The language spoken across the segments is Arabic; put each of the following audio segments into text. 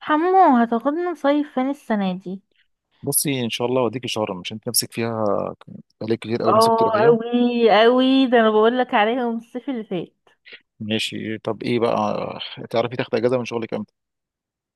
حمو، هتاخدنا نصيف فين السنة دي؟ بصي ان شاء الله اوديكي شرم. مش انت نفسك فيها؟ عليك كتير قوي نفسك اه، تروحيها. اوي اوي، ده انا بقول لك عليهم الصيف اللي فات. ماشي، طب ايه بقى؟ تعرفي تاخدي اجازه من شغلك امتى؟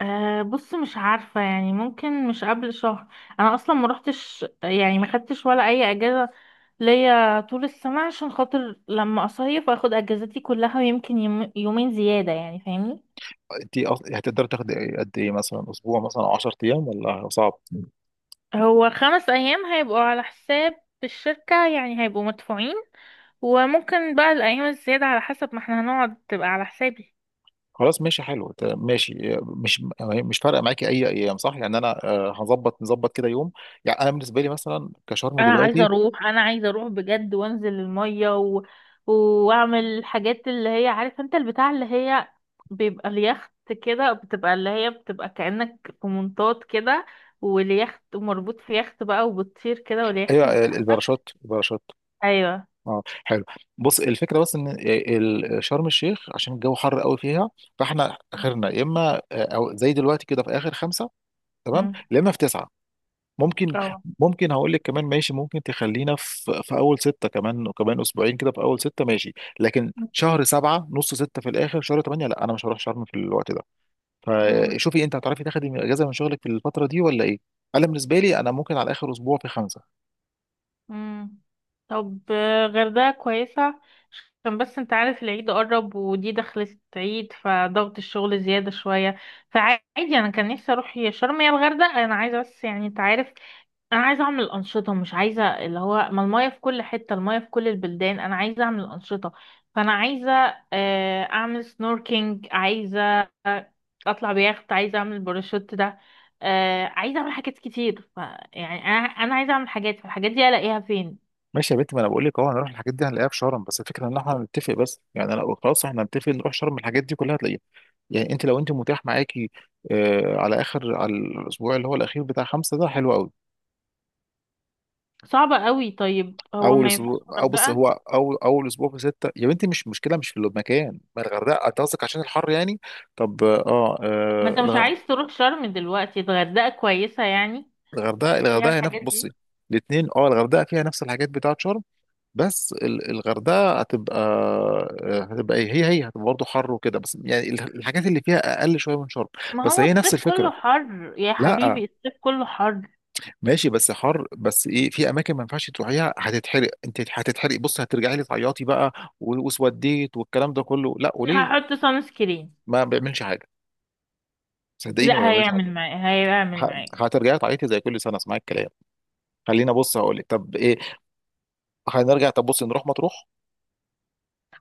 أه، بص، مش عارفة يعني، ممكن مش قبل شهر. أنا أصلا ما روحتش، يعني ما خدتش ولا أي أجازة ليا طول السنة، عشان خاطر لما أصيف أخد أجازتي كلها ويمكن يومين زيادة، يعني فاهمني. انت هتقدري تاخدي قد ايه؟ مثلا اسبوع مثلا او 10 ايام ولا صعب؟ هو 5 أيام هيبقوا على حساب الشركة، يعني هيبقوا مدفوعين، وممكن بقى الأيام الزيادة على حسب ما احنا هنقعد تبقى على حسابي. خلاص ماشي حلو، ماشي. مش فارقه معاكي اي ايام، صح؟ يعني انا هظبط، نظبط كده يوم. يعني انا بالنسبه لي مثلا كشرم انا عايزه دلوقتي. اروح انا عايزه اروح بجد وانزل الميه واعمل الحاجات اللي هي، عارف انت، البتاع اللي هي بيبقى اليخت كده، بتبقى اللي هي بتبقى كأنك في منطاد كده، واليخت مربوط في يخت بقى وبتطير كده واليخت هي متحرك. الباراشوت، ايوه. اه حلو. بص الفكره بس ان شرم الشيخ عشان الجو حر قوي فيها، فاحنا اخرنا يا اما او زي دلوقتي كده في اخر خمسه. تمام، امم. يا اما في تسعه ممكن. اه. ممكن هقول لك كمان، ماشي ممكن تخلينا في اول سته، كمان وكمان اسبوعين كده في اول سته ماشي. لكن شهر سبعه، نص سته في الاخر شهر ثمانيه، لا انا مش هروح شرم في الوقت ده. امم. فشوفي انت هتعرفي تاخدي اجازه من شغلك في الفتره دي ولا ايه؟ انا بالنسبه لي انا ممكن على اخر اسبوع في خمسه. مم. طب غردقة كويسة، عشان بس انت عارف، العيد قرب ودي دخلت عيد فضغط الشغل زيادة شوية، فعادي، انا كان نفسي اروح يا شرم يا الغردقة، انا عايزة بس يعني انت عارف. انا عايزه اعمل انشطه، مش عايزه اللي هو، ما المايه في كل حته، المايه في كل البلدان، انا عايزه اعمل انشطه، فانا عايزه اعمل سنوركينج، عايزه اطلع بيخت، عايزه اعمل باراشوت ده، عايزه اعمل حاجات كتير ف يعني انا عايزه اعمل حاجات، فالحاجات دي الاقيها فين؟ ماشي يا بنت، ما انا بقول لك اهو هنروح الحاجات دي هنلاقيها في شرم. بس الفكره ان احنا هنتفق. بس يعني انا خلاص، احنا هنتفق نروح شرم، الحاجات دي كلها هتلاقيها. يعني انت لو انت متاح معاكي، آه على اخر على الاسبوع اللي هو الاخير بتاع خمسه، ده حلو قوي. صعبه قوي، طيب هو اول ما ينفعش اسبوع، او بص الغردقه؟ هو اول اسبوع في سته يا بنتي مش مشكله. مش في المكان، ما الغردقه انت قصدك عشان الحر يعني. طب اه، ما آه انت مش الغ- عايز تروح شرم دلوقتي، الغردقه كويسه يعني، الغردقه فيها الغردقه هي نفس. الحاجات بصي دي. الاثنين، اه الغردقه فيها نفس الحاجات بتاعت شرم. بس الغردقه هتبقى هتبقى إيه؟ هي هتبقى برضه حر وكده. بس يعني الحاجات اللي فيها اقل شويه من شرم. ما بس هو هي نفس الصيف كله الفكره. حر يا لا حبيبي، الصيف كله حر. ماشي، بس حر بس ايه، في اماكن ما ينفعش تروحيها هتتحرق. انت هتتحرق، بص هترجعي لي تعيطي بقى. وسوديت والكلام ده كله، لا وليه. هحط سان سكرين. ما بيعملش حاجه، صدقيني ما لا، بيعملش هيعمل حاجه. معايا، هيعمل معايا. هترجعي تعيطي زي كل سنه. اسمعي الكلام، خلينا. بص هقول لك، طب ايه، هنرجع. طب بص، نروح مطروح.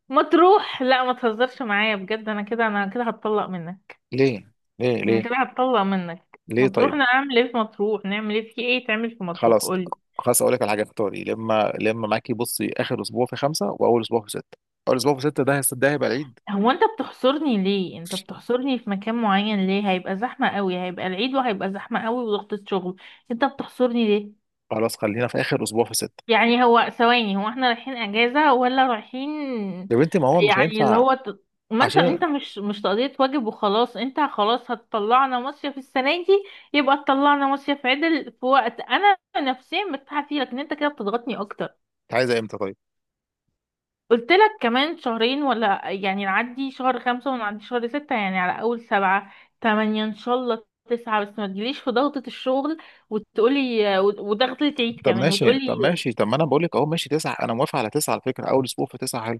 ما تروح، لا ما تهزرش معايا بجد، انا كده، انا كده هتطلق منك، ليه ليه انا ليه؟ كده هتطلق منك، ليه ما تروح، طيب؟ انا اعمل ايه في مطروح؟ نعمل ايه في ايه، تعمل في مطروح خلاص قولي. خلاص، اقول لك على حاجه. اختاري لما معاكي. بصي اخر اسبوع في خمسه واول اسبوع في سته، اول اسبوع في سته ده ده هيبقى العيد. هو انت بتحصرني ليه؟ انت بتحصرني في مكان معين ليه؟ هيبقى زحمة قوي، هيبقى العيد وهيبقى زحمة قوي وضغطة شغل، انت بتحصرني ليه؟ خلاص خلينا في اخر اسبوع في سته. يعني هو ثواني، هو احنا رايحين اجازة ولا رايحين؟ يا بنتي ما هو مش يعني اللي هينفع هو ما انت عشان انت. انت مش تقضية واجب وخلاص، انت خلاص هتطلعنا مصيف السنة دي، يبقى تطلعنا مصيف عدل في وقت انا نفسيا مرتاحة فيه، لكن انت كده بتضغطني اكتر. عايزه امتى طيب؟ قلت لك كمان شهرين، ولا يعني نعدي شهر خمسة ونعدي شهر ستة يعني، على اول سبعة، تمانية ان شاء الله تسعة، بس ما تجيليش في ضغطة الشغل وتقولي، وضغطة العيد طب كمان ماشي، طب وتقولي. ماشي، طب ما انا بقول لك اهو ماشي تسعه، انا موافق على تسعه. على فكره اول اسبوع في تسعه حلو.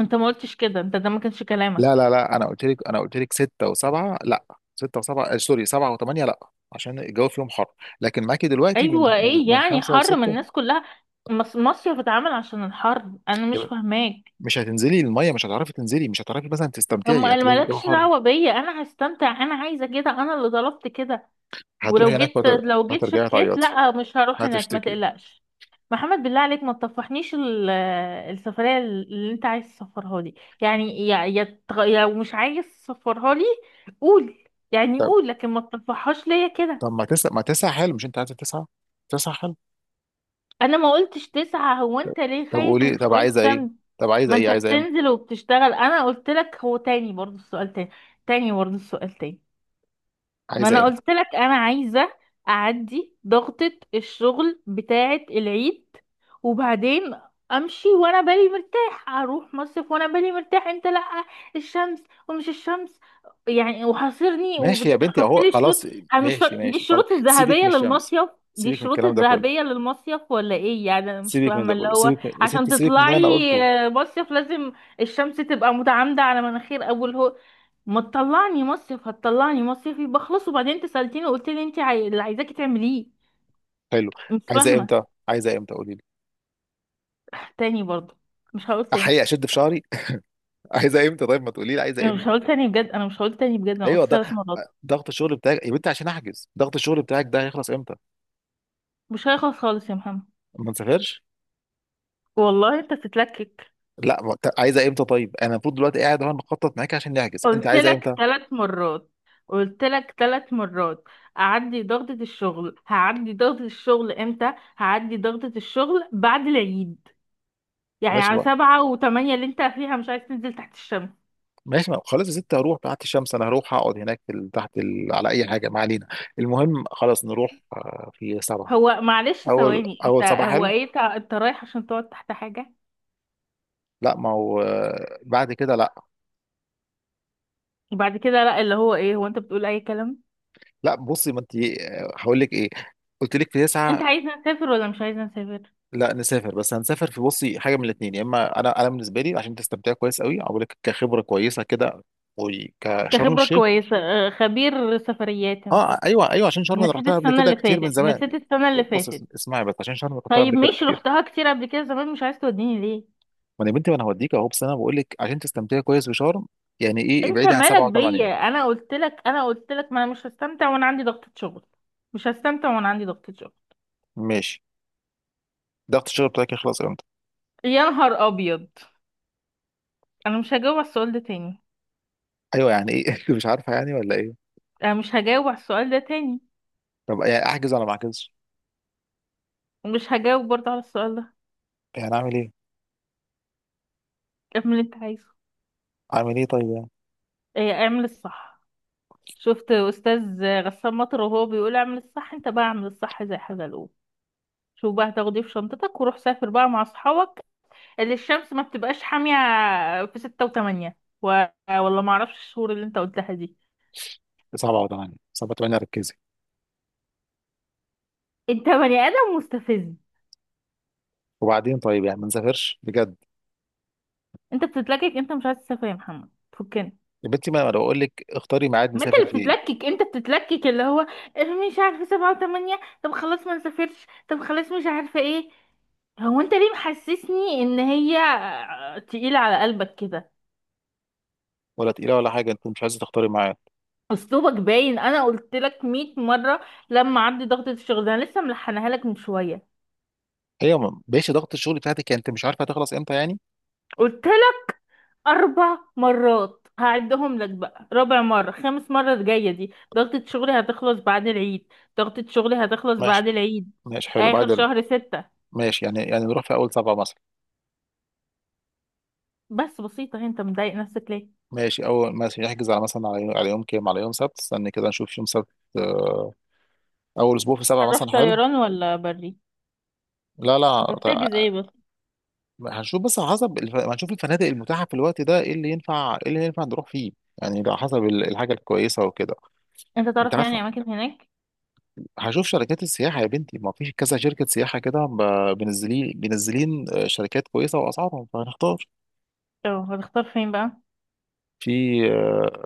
انت ما قلتش كده، انت ده ما كانش لا كلامك. لا لا انا قلت لك، انا قلت لك سته وسبعه لا، سته وسبعه سوري سبعه وثمانيه لا، عشان الجو فيهم حر. لكن معاكي دلوقتي من ايوه، من ايه من يعني، خمسه حر من لسته الناس كلها، مصيف اتعمل عشان الحر، انا مش يبقى. فاهماك. مش هتنزلي الميه، مش هتعرفي تنزلي، مش هتعرفي مثلا طب تستمتعي، ما هتلاقي الجو مالكش حر. دعوه بيا، انا هستمتع، انا عايزه كده، انا اللي طلبت كده. ولو هتروحي هناك جيت، لو جيت هترجعي شكيت، تعيطي. لا مش هروح هناك ما هتشتكي. تقلقش. محمد بالله عليك، ما تطفحنيش السفريه اللي انت عايز تسفرها لي، يعني يا يا يا مش عايز تسفرها لي قول، يعني طب، قول، لكن ما تطفحهاش ليا كده. ما تسع حلو، مش انت عايزه تسعه؟ تسع حلو. انا ما قلتش تسعة، هو طب، انت ليه طب خايف قولي، من طب شويه عايزه ايه؟ شمس؟ طب عايزه ما ايه؟ انت عايزه امتى؟ بتنزل وبتشتغل. انا قلت لك، هو تاني برضو السؤال تاني، تاني برضو السؤال تاني. ما عايزه انا امتى؟ قلت لك، انا عايزه اعدي ضغطه الشغل بتاعه العيد وبعدين امشي وانا بالي مرتاح، اروح مصيف وانا بالي مرتاح. انت لا الشمس ومش الشمس، يعني وحاصرني ماشي يا بنتي وبتحط اهو لي شروط. خلاص. انا مش ماشي فاهم، دي ماشي خلاص، الشروط سيبك من الذهبيه الشمس، للمصيف، دي سيبك من الشروط الكلام ده الذهبيه كله. للمصيف ولا ايه يعني، انا مش سيبك من فاهمه ده اللي كله، هو، سيبك من يا عشان ستي سيبك من ده، انا تطلعي قلته. مصيف لازم الشمس تبقى متعامده على مناخير ابو الهول؟ ما تطلعني مصيف، هتطلعني مصيف يبقى خلاص. وبعدين انت سألتيني وقلت لي انت اللي عايزاكي تعمليه. حلو. مش عايزه فاهمة. امتى؟ عايزه امتى قولي لي؟ تاني برضه؟ مش هقول تاني، احيي اشد في شعري. عايزه امتى طيب؟ ما تقولي لي عايزه انا مش امتى. هقول تاني بجد، انا مش هقول تاني بجد، انا ايوه قلت ده. 3 مرات. ضغط الشغل بتاعك يا بنتي عشان احجز، ضغط الشغل بتاعك ده هيخلص امتى؟ مش هيخلص خالص يا محمد. ما نسافرش؟ والله انت بتتلكك، لا ما أنت عايزه امتى طيب؟ انا المفروض دلوقتي قاعد اهو نخطط معاك عشان نحجز، انت قلت عايزه لك امتى؟ 3 مرات، قلت لك ثلاث مرات. اعدي ضغطة الشغل، هعدي ضغطة الشغل امتى؟ هعدي ضغطة الشغل بعد العيد، يعني ماشي على بقى، سبعة وثمانية اللي انت فيها مش عايز تنزل تحت الشمس. ماشي بقى. خلاص يا ستي هروح تحت الشمس. انا هروح اقعد هناك في تحت ال على اي حاجه، ما علينا. المهم خلاص نروح في سبعه. هو معلش اول ثواني، انت اول سبعه هو حلو. ايه، انت، انت رايح عشان تقعد تحت حاجة؟ لا ما هو بعد كده لا. وبعد كده لا اللي هو ايه، هو انت بتقول اي كلام؟ لا بصي ما انت، هقول لك ايه، قلت لك في تسعه. انت عايزة نسافر ولا مش عايزة نسافر؟ لا نسافر، بس هنسافر في. بصي حاجه من الاثنين، يا اما انا، انا بالنسبه لي عشان تستمتعي كويس قوي اقول لك كخبره كويسه كده، وكشرم كخبرة الشيخ. كويسة، اه، خبير سفريات اه انت، ايوه ايوه، عشان شرم انا نسيت رحتها قبل السنة كده اللي كتير من فاتت، زمان. نسيت السنة اللي بص فاتت. اسمعي بس، عشان شرم رحتها طيب قبل كده ماشي كتير. رحتها كتير قبل كده زمان، مش عايز توديني ليه؟ ما انا يا بنتي ما انا هوديك اهو، بس انا بقول لك عشان تستمتعي كويس بشرم، يعني ايه انت ابعدي عن مالك سبعه وثمانيه. بيا، انا قلت لك، انا قلت لك ما انا مش هستمتع وانا عندي ضغطة شغل، مش هستمتع وانا عندي ضغطة شغل. ماشي. ضغط الشغل بتاعك يخلص امتى؟ يا نهار ابيض، انا مش هجاوب على السؤال ده تاني، ايوه، يعني ايه؟ مش عارفه يعني ولا ايه؟ انا مش هجاوب على السؤال ده تاني، طب يعني احجز ولا ما احجزش؟ مش هجاوب برضه على السؤال ده. يعني اعمل ايه؟ اعمل اللي انت عايزه. اعمل ايه طيب يعني؟ ايه، اعمل الصح. شفت استاذ غسان مطر وهو بيقول اعمل الصح؟ انت بقى اعمل الصح زي حزلقوم. شوف بقى هتاخد ايه في شنطتك وروح سافر بقى مع اصحابك، اللي الشمس ما بتبقاش حامية، في ستة وتمانية والله ما اعرفش الشهور اللي انت قلتها دي. سبعه وثمانيه، ركزي. انت بني ادم مستفز، وبعدين طيب يعني ما نسافرش بجد؟ انت بتتلكك، انت مش عايز تسافر يا محمد، فكنا. يا بنتي ما انا بقول لك اختاري ميعاد ما انت نسافر اللي فيه. بتتلكك، انت بتتلكك اللي هو، مش عارفه سبعة وثمانية، طب خلاص ما نسافرش، طب خلاص مش عارفه ايه. هو انت ليه محسسني ان هي تقيلة على قلبك كده؟ ولا تقيله ولا حاجه، انت مش عايزه تختاري ميعاد. اسلوبك باين، انا قلت لك 100 مرة لما عندي ضغطة الشغل ده، انا لسه ملحنها لك من شوية. ايوه، ماشي ضغط الشغل بتاعتك، يعني انت مش عارفه هتخلص امتى يعني؟ قلت لك 4 مرات، هعدهم لك بقى، رابع مرة خامس مرة الجاية دي، ضغطة شغلي هتخلص بعد العيد، ضغطة شغلي هتخلص ماشي، بعد العيد، ماشي حلو اخر بعد ال شهر ستة. ماشي يعني، يعني نروح في اول سبعه مثلا. بس بسيطة، هي انت مضايق نفسك ليه؟ ماشي، اول مثلا نحجز على مثلا على يوم، على يوم كام، على يوم سبت. استني كده نشوف يوم سبت. آه، اول اسبوع في سبعه هنروح مثلا حلو. طيران ولا بري؟ لا انت لا طيب. بتحجز ايه بس؟ هنشوف، بس على حسب هنشوف الفنادق المتاحه في الوقت ده، ايه اللي ينفع، ايه اللي ينفع نروح فيه. يعني ده على حسب الحاجه الكويسه وكده. انت انت تعرف عارف، يعني اماكن هناك؟ هشوف شركات السياحه يا بنتي. ما فيش كذا شركه سياحه كده بينزلين شركات كويسه واسعارهم، فهنختار. اه، هتختار فين بقى؟ في آه،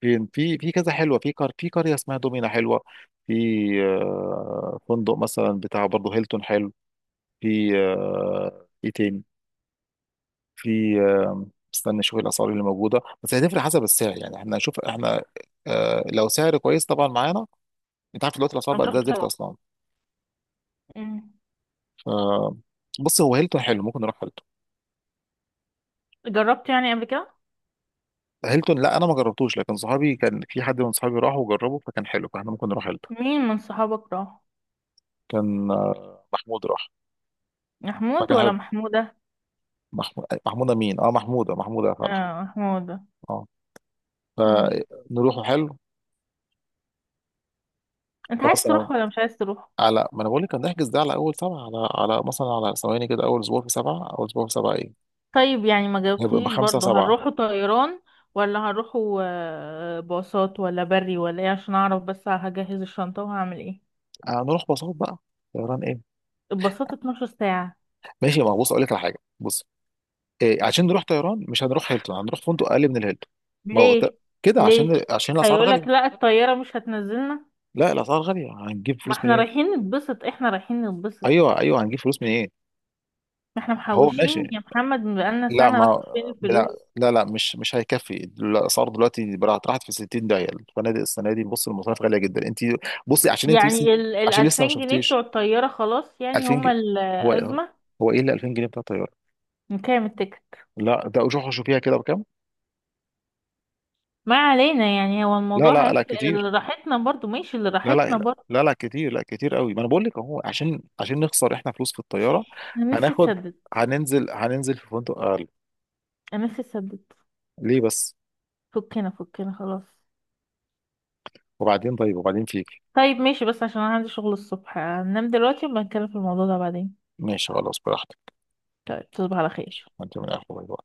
في في كذا حلوه، في في قريه اسمها دومينا حلوه. في فندق مثلا بتاع برضه هيلتون حلو. في ايه تاني؟ في استنى اشوف الاسعار اللي موجوده. بس هتفرق حسب السعر يعني، احنا نشوف احنا لو سعر كويس طبعا معانا. انت عارف دلوقتي الاسعار بقت هنروح زي الزفت طيران. اصلا. أمم. ف بص هو هيلتون حلو، ممكن نروح هيلتون. جربت يعني قبل كده؟ هيلتون لا انا ما جربتوش، لكن صحابي كان، في حد من صحابي راح وجربه فكان حلو، فاحنا ممكن نروح هيلتون. مين من صحابك راح؟ كان محمود راح محمود فكان حلو. ولا محمودة؟ محمود، محمودة، مين؟ اه محمودة، محمودة يا فرح. اه، محمودة. اه. أمم. فنروحوا حلو. انت عايز خلاص على تروح ولا مش عايز تروح؟ ما انا بقول لك هنحجز ده على اول سبعة، على مثلا على ثواني كده اول اسبوع في سبعة، اول اسبوع في سبعة ايه؟ طيب يعني ما هيبقى جاوبتنيش بخمسة برضو، سبعة. هنروحوا طيران ولا هنروحوا باصات ولا بري ولا ايه، عشان اعرف بس هجهز الشنطة وهعمل ايه. هنروح باصات بقى؟ طيران ايه؟ الباصات 12 ساعة. ماشي، ما هو بص اقول لك على حاجة. بص إيه، عشان نروح طيران مش هنروح هيلتون، هنروح فندق اقل من الهيلتون. ما هو ليه؟ كده عشان ليه؟ عشان الاسعار غالية. هيقولك لا الطيارة مش هتنزلنا؟ لا الاسعار غالية، هنجيب ما فلوس احنا منين؟ رايحين نتبسط، احنا رايحين نتبسط. ايوه ايوه، هنجيب فلوس منين؟ ما احنا هو ماشي. محوشين يا محمد بقالنا لا سنة، راحت ما، فين لا الفلوس؟ لا لا مش، مش هيكفي. الاسعار دلوقتي بقى راحت في 60 داهيه، الفنادق السنه دي بص المصاريف غاليه جدا انت. بصي عشان انت لسه، يعني ال عشان لسه ما الألفين جنيه شفتيش. بتوع الطيارة خلاص، يعني 2000 هما جنيه هو، الأزمة؟ هو ايه اللي 2000 جنيه بتاع الطياره؟ نكام التيكت؟ لا ده روحوا شوفيها كده بكام. ما علينا، يعني هو لا الموضوع لا لا هيفرق، اللي كتير، راحتنا برضو ماشي، اللي لا لا راحتنا لا برضو. لا لا كتير، لا كتير قوي. ما انا بقول لك اهو، عشان عشان نخسر احنا فلوس في الطياره، انا نفسي هناخد، تسدد. هننزل في فندق اقل. انا نفسي تسدد. ليه بس؟ فكنا فكنا خلاص. وبعدين طيب وبعدين فيك. طيب ماشي بس عشان انا عندي شغل الصبح، هننام دلوقتي ونبقى نتكلم في الموضوع ده بعدين. ماشي خلاص براحتك. طيب تصبح على خير. انت من الاخر.